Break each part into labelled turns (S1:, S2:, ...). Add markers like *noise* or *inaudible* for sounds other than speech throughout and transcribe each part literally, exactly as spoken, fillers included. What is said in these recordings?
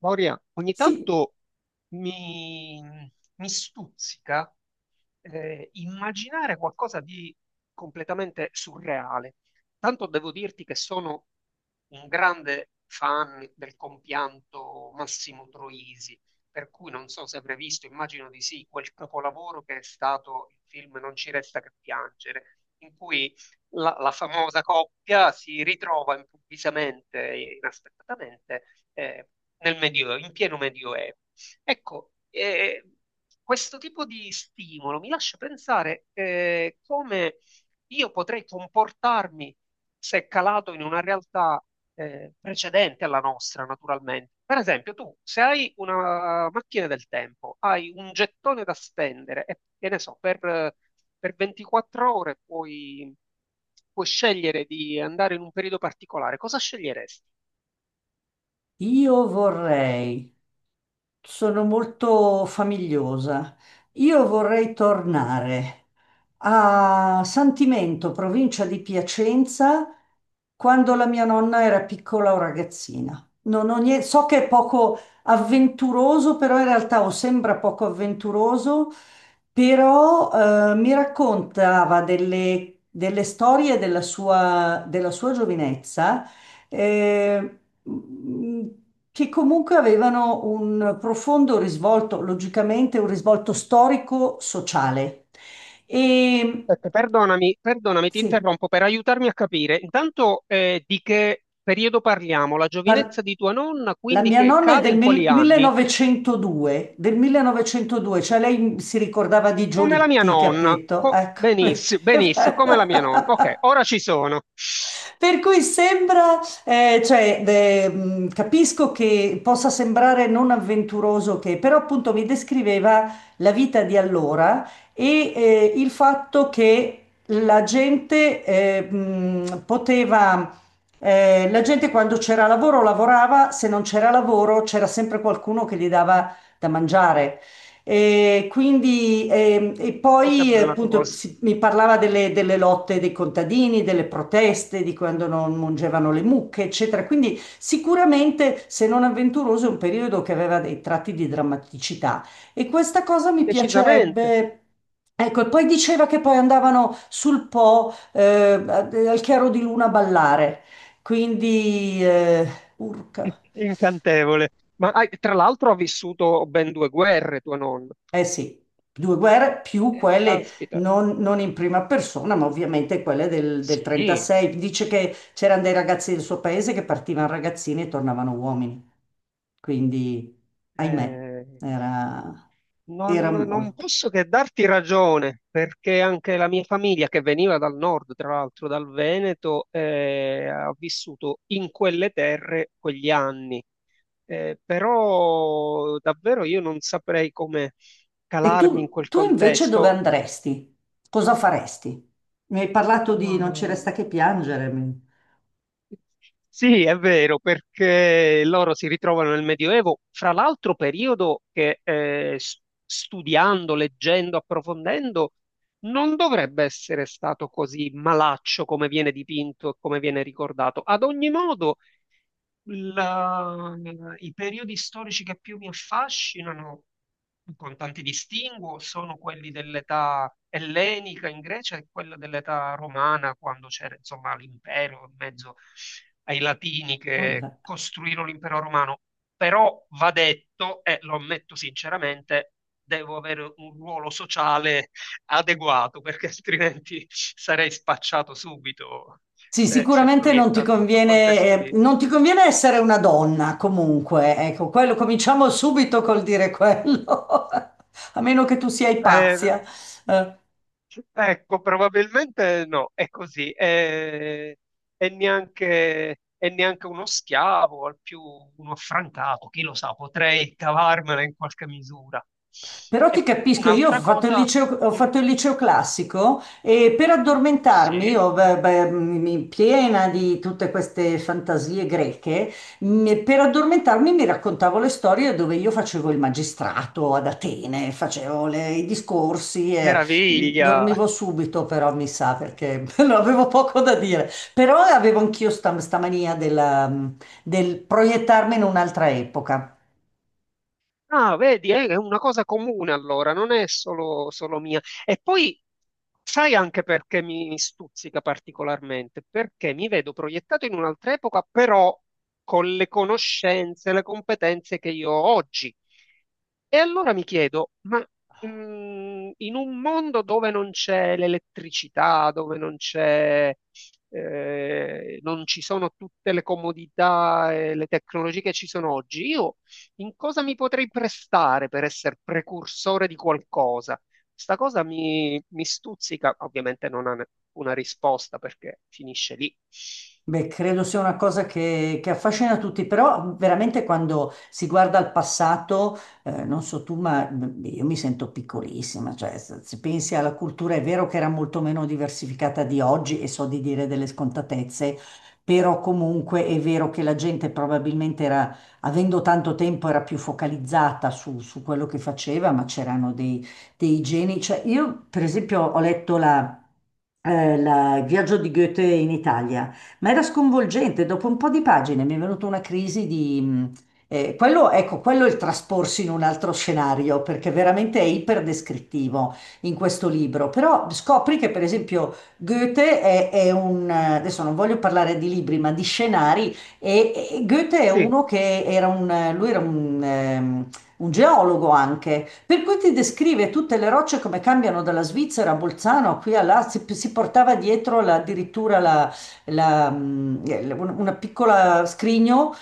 S1: Maureen, ogni
S2: Sì,
S1: tanto mi, mi stuzzica eh, immaginare qualcosa di completamente surreale. Tanto devo dirti che sono un grande fan del compianto Massimo Troisi, per cui non so se avrei visto, immagino di sì, quel capolavoro che è stato il film Non ci resta che piangere, in cui la, la famosa coppia si ritrova improvvisamente, e inaspettatamente, eh, nel Medioevo, in pieno Medioevo. Ecco, eh, questo tipo di stimolo mi lascia pensare eh, come io potrei comportarmi se calato in una realtà eh, precedente alla nostra, naturalmente. Per esempio, tu se hai una macchina del tempo, hai un gettone da spendere e che ne so, per, per ventiquattro ore puoi, puoi scegliere di andare in un periodo particolare, cosa sceglieresti?
S2: io vorrei, sono molto famigliosa, io vorrei tornare a Santimento, provincia di Piacenza, quando la mia nonna era piccola o ragazzina. Non ho nie- so che è poco avventuroso, però in realtà o sembra poco avventuroso, però eh, mi raccontava delle, delle storie della sua, della sua giovinezza eh, mh, che comunque avevano un profondo risvolto, logicamente un risvolto storico-sociale. E
S1: Aspetta, perdonami, perdonami, ti
S2: sì,
S1: interrompo per aiutarmi a capire. Intanto, eh, di che periodo parliamo? La
S2: par-
S1: giovinezza di tua nonna,
S2: la
S1: quindi
S2: mia
S1: che
S2: nonna è
S1: cade
S2: del
S1: in
S2: mil-
S1: quali anni?
S2: millenovecentodue, del millenovecentodue, cioè lei si ricordava di
S1: Come la mia
S2: Giolitti,
S1: nonna.
S2: capito?
S1: Co-
S2: Ecco, *laughs* vedi?
S1: benissimo, benissimo, come la mia nonna. Ok, ora ci sono.
S2: Per cui sembra, eh, cioè, de- mh, capisco che possa sembrare non avventuroso che, però appunto mi descriveva la vita di allora e eh, il fatto che la gente eh, mh, poteva, eh, la gente quando c'era lavoro lavorava, se non c'era lavoro c'era sempre qualcuno che gli dava da mangiare. E quindi, ehm, e
S1: Oh, che
S2: poi eh,
S1: bella
S2: appunto
S1: cosa.
S2: si- mi parlava delle, delle lotte dei contadini, delle proteste, di quando non mungevano le mucche, eccetera. Quindi sicuramente, se non avventuroso, è un periodo che aveva dei tratti di drammaticità. E questa cosa mi
S1: Decisamente
S2: piacerebbe. Ecco, e poi diceva che poi andavano sul Po, eh, al chiaro di luna a ballare. Quindi, eh, urca.
S1: *laughs* incantevole. Ma hai- tra l'altro ha vissuto ben due guerre tua nonna.
S2: Eh sì, due guerre più
S1: Eh,
S2: quelle
S1: caspita.
S2: non, non in prima persona, ma ovviamente quelle del, del
S1: Sì.
S2: trentasei. Dice che c'erano dei ragazzi del suo paese che partivano ragazzini e tornavano uomini. Quindi, ahimè,
S1: Eh,
S2: era,
S1: non,
S2: era
S1: non
S2: molto.
S1: posso che darti ragione, perché anche la mia famiglia, che veniva dal nord, tra l'altro dal Veneto, eh, ha vissuto in quelle terre quegli anni. Eh, però davvero io non saprei come
S2: E
S1: calarmi in
S2: tu,
S1: quel
S2: tu invece dove
S1: contesto.
S2: andresti? Cosa faresti? Mi hai parlato di
S1: No. No,
S2: Non ci
S1: no,
S2: resta
S1: no.
S2: che piangere. mi-
S1: Sì, è vero, perché loro si ritrovano nel Medioevo, fra l'altro periodo che eh, s- studiando, leggendo, approfondendo, non dovrebbe essere stato così malaccio come viene dipinto e come viene ricordato. Ad ogni modo, La- i periodi storici che più mi affascinano, con tanti distinguo, sono quelli dell'età ellenica in Grecia e quello dell'età romana, quando c'era insomma l'impero in mezzo ai latini che
S2: Vabbè.
S1: costruirono l'impero romano. Però va detto, e lo ammetto sinceramente, devo avere un ruolo sociale adeguato, perché altrimenti sarei spacciato subito
S2: Sì,
S1: se, se
S2: sicuramente non ti
S1: proiettato in quel
S2: conviene,
S1: contesto
S2: eh,
S1: lì.
S2: non ti conviene essere una donna comunque, ecco, quello cominciamo subito col dire quello, *laughs* a meno che tu sia
S1: Eh,
S2: Ipazia. Eh.
S1: Ecco, probabilmente no, è così, è, è neanche, è neanche uno schiavo, al più uno affrancato, chi lo sa, potrei cavarmela in qualche misura.
S2: Però ti
S1: E
S2: capisco, io ho
S1: un'altra
S2: fatto il
S1: cosa,
S2: liceo, ho
S1: mm,
S2: fatto il liceo classico e per addormentarmi,
S1: sì,
S2: io, beh, beh, mi- piena di tutte queste fantasie greche, mi- per addormentarmi mi raccontavo le storie dove io facevo il magistrato ad Atene, facevo le- i discorsi e mh,
S1: meraviglia.
S2: dormivo subito, però mi sa perché *laughs* non avevo poco da dire. Però avevo anch'io sta, sta mania della, mh, del proiettarmi in un'altra epoca.
S1: Ah, vedi, eh, è una cosa comune allora, non è solo, solo mia. E poi sai anche perché mi stuzzica particolarmente? Perché mi vedo proiettato in un'altra epoca, però con le conoscenze, le competenze che io ho oggi. E allora mi chiedo, ma mm, in un mondo dove non c'è l'elettricità, dove non c'è, eh, non ci sono tutte le comodità e le tecnologie che ci sono oggi, io in cosa mi potrei prestare per essere precursore di qualcosa? Sta cosa mi, mi stuzzica, ovviamente non ha ne- una risposta perché finisce lì.
S2: Beh, credo sia una cosa che, che affascina tutti, però veramente quando si guarda al passato, eh, non so tu, ma mh, io mi sento piccolissima, cioè se, se pensi alla cultura è vero che era molto meno diversificata di oggi e so di dire delle scontatezze, però comunque è vero che la gente probabilmente era, avendo tanto tempo, era più focalizzata su, su quello che faceva, ma c'erano dei, dei geni. Cioè, io per esempio ho letto la, eh, la- il viaggio di Goethe in Italia, ma era sconvolgente. Dopo un po' di pagine mi è venuta una crisi di mh, eh, quello, ecco, quello è il trasporsi in un altro scenario, perché veramente è iperdescrittivo in questo libro. Però scopri che, per esempio, Goethe è, è un eh, adesso non voglio parlare di libri, ma di scenari, e, e Goethe è
S1: Sì,
S2: uno che era un eh, lui era un ehm, un geologo anche, per cui ti descrive tutte le rocce come cambiano dalla Svizzera a Bolzano, qui a là, si, si portava dietro la- addirittura la, la- un- una piccola scrigno,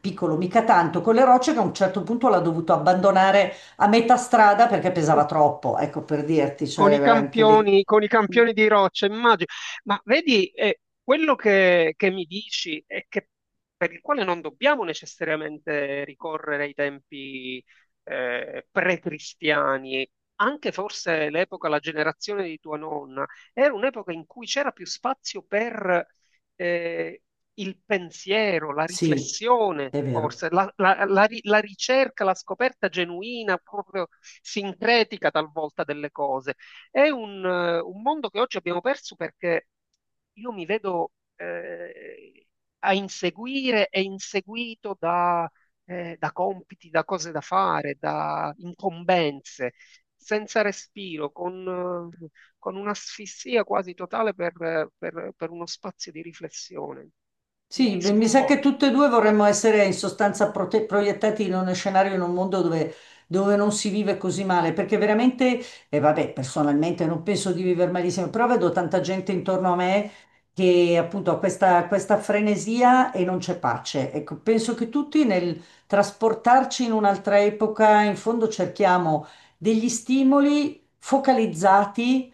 S2: piccolo mica tanto, con le rocce che a un certo punto l'ha dovuto abbandonare a metà strada perché pesava troppo, ecco per dirti, cioè
S1: con i
S2: era anche lì.
S1: campioni, con i campioni di roccia, immagino. Ma vedi, eh, quello che, che mi dici è che per il quale non dobbiamo necessariamente ricorrere ai tempi eh, pre-cristiani, anche forse l'epoca, la generazione di tua nonna, era un'epoca in cui c'era più spazio per eh, il pensiero, la
S2: Sì,
S1: riflessione,
S2: è vero.
S1: forse, la, la- la ri- la ricerca, la scoperta genuina, proprio sincretica talvolta delle cose. È un, eh, un mondo che oggi abbiamo perso perché io mi vedo eh, a inseguire e inseguito da, eh, da compiti, da cose da fare, da incombenze, senza respiro, con, eh, con un'asfissia quasi totale per, per per uno spazio di riflessione.
S2: Sì,
S1: Mi
S2: beh, mi sa che
S1: sconvolge un
S2: tutte e
S1: po'.
S2: due vorremmo essere in sostanza prote- proiettati in uno scenario, in un mondo dove, dove non si vive così male, perché veramente, e vabbè, personalmente non penso di vivere malissimo, però vedo tanta gente intorno a me che appunto ha questa, questa frenesia e non c'è pace. Ecco, penso che tutti nel trasportarci in un'altra epoca, in fondo cerchiamo degli stimoli focalizzati,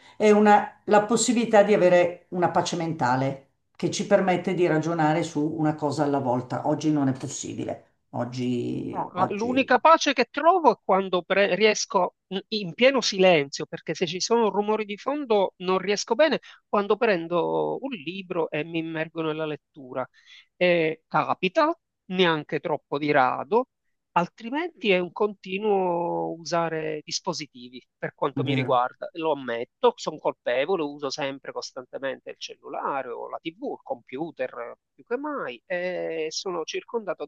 S2: la possibilità di avere una pace mentale che ci permette di ragionare su una cosa alla volta. Oggi non è possibile. Oggi,
S1: No, la- l'unica
S2: oggi
S1: pace che trovo è quando pre- riesco in in pieno silenzio, perché se ci sono rumori di fondo non riesco bene, quando prendo un libro e mi immergo nella lettura. E capita, neanche troppo di rado, altrimenti è un continuo usare dispositivi per
S2: È
S1: quanto mi
S2: vero.
S1: riguarda. Lo ammetto, sono colpevole, uso sempre costantemente il cellulare o la T V, il computer, più che mai, e sono circondato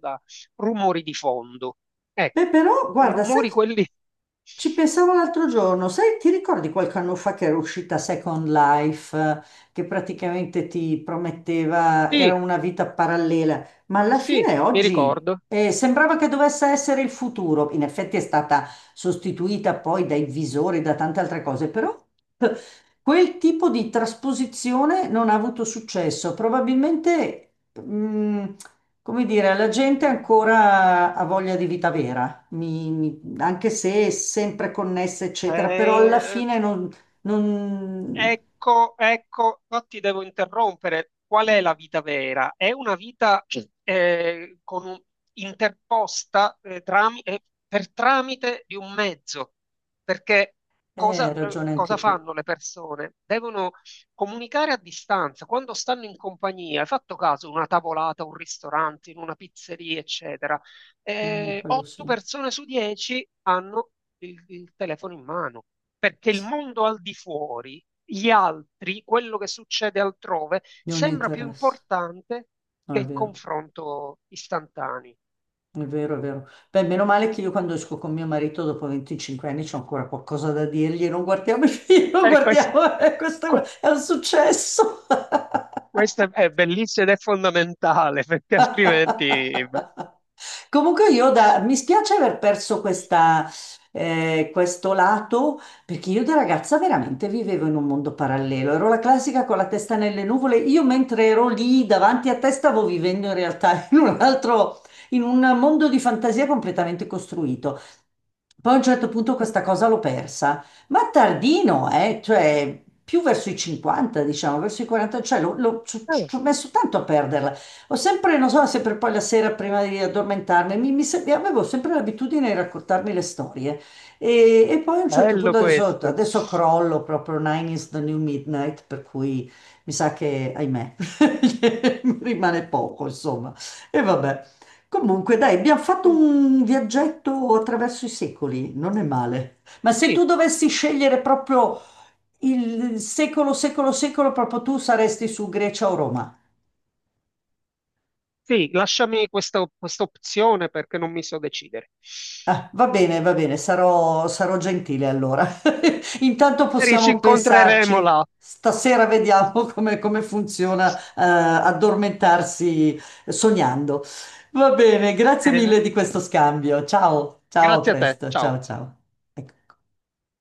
S1: rumori di fondo.
S2: Beh,
S1: Ecco,
S2: però,
S1: i
S2: guarda, sai
S1: rumori
S2: che
S1: quelli... *laughs*
S2: ci pensavo l'altro giorno, sai, ti ricordi qualche anno fa che era uscita Second Life, eh, che praticamente ti prometteva, era
S1: Sì,
S2: una vita parallela, ma alla
S1: sì,
S2: fine
S1: mi
S2: oggi
S1: ricordo.
S2: eh, sembrava che dovesse essere il futuro. In effetti è stata sostituita poi dai visori, da tante altre cose, però *laughs* eh, quel tipo di trasposizione non ha avuto successo. Probabilmente, mm, come dire, la gente ancora ha voglia di vita vera, mi mi anche se è sempre connessa, eccetera, però alla
S1: Eh,
S2: fine non, non...
S1: Ecco, ecco, no, ti devo interrompere. Qual è la vita vera? È una vita eh, con un- interposta eh, trami- eh, per tramite di un mezzo, perché
S2: Eh, hai
S1: cosa, eh,
S2: ragione
S1: cosa
S2: anche tu.
S1: fanno le persone? Devono comunicare a distanza, quando stanno in compagnia, hai fatto caso, una tavolata, un ristorante, in una pizzeria, eccetera.
S2: Mm,
S1: Eh,
S2: quello
S1: otto
S2: sì.
S1: persone su dieci hanno il il telefono in mano, perché il
S2: Sì,
S1: mondo al di fuori gli altri, quello che succede altrove,
S2: non gli
S1: sembra più
S2: interessa.
S1: importante
S2: No,
S1: che
S2: è
S1: il
S2: vero,
S1: confronto istantaneo.
S2: è vero, è vero. Beh, meno male che io quando esco con mio marito dopo venticinque anni c'ho ancora qualcosa da dirgli, non guardiamo i *laughs* film, non
S1: E questo,
S2: guardiamo, *laughs* questo
S1: que-
S2: è un successo. *laughs*
S1: questo è bellissimo ed è fondamentale, *laughs* perché altrimenti... beh,
S2: Comunque io da- mi spiace aver perso questa, eh, questo lato, perché io da ragazza veramente vivevo in un mondo parallelo. Ero la classica con la testa nelle nuvole. Io mentre ero lì davanti a te stavo vivendo in realtà *laughs* in un altro, in un mondo di fantasia completamente costruito. Poi a un certo punto questa
S1: ecco.
S2: cosa l'ho persa, ma tardino, eh, cioè più verso i cinquanta, diciamo, verso i quaranta, cioè l'ho- l'ho- ci ci
S1: Eh,
S2: ho messo tanto a perderla. Ho sempre, non so, sempre poi la sera prima di addormentarmi, mi, mi sem- avevo sempre l'abitudine di raccontarmi le storie. E, e poi a un certo
S1: bello
S2: punto adesso,
S1: questo.
S2: adesso crollo proprio Nine is the New Midnight, per cui mi sa che, ahimè, *laughs* mi rimane poco, insomma. E vabbè. Comunque, dai, abbiamo fatto
S1: Eh,
S2: un viaggetto attraverso i secoli, non è male. Ma se tu
S1: Sì,
S2: dovessi scegliere proprio il secolo, secolo, secolo, proprio tu saresti su Grecia o Roma.
S1: sì, lasciami questa, questa opzione perché non mi so decidere.
S2: Ah, va bene, va bene, sarò, sarò gentile allora. *laughs* Intanto
S1: Magari ci
S2: possiamo
S1: incontreremo
S2: pensarci.
S1: là.
S2: Stasera vediamo *laughs* come, come funziona, eh, addormentarsi sognando. Va bene, grazie
S1: Bene,
S2: mille di questo scambio. Ciao, ciao, a
S1: grazie a te,
S2: presto,
S1: ciao.
S2: ciao, ciao. Ecco.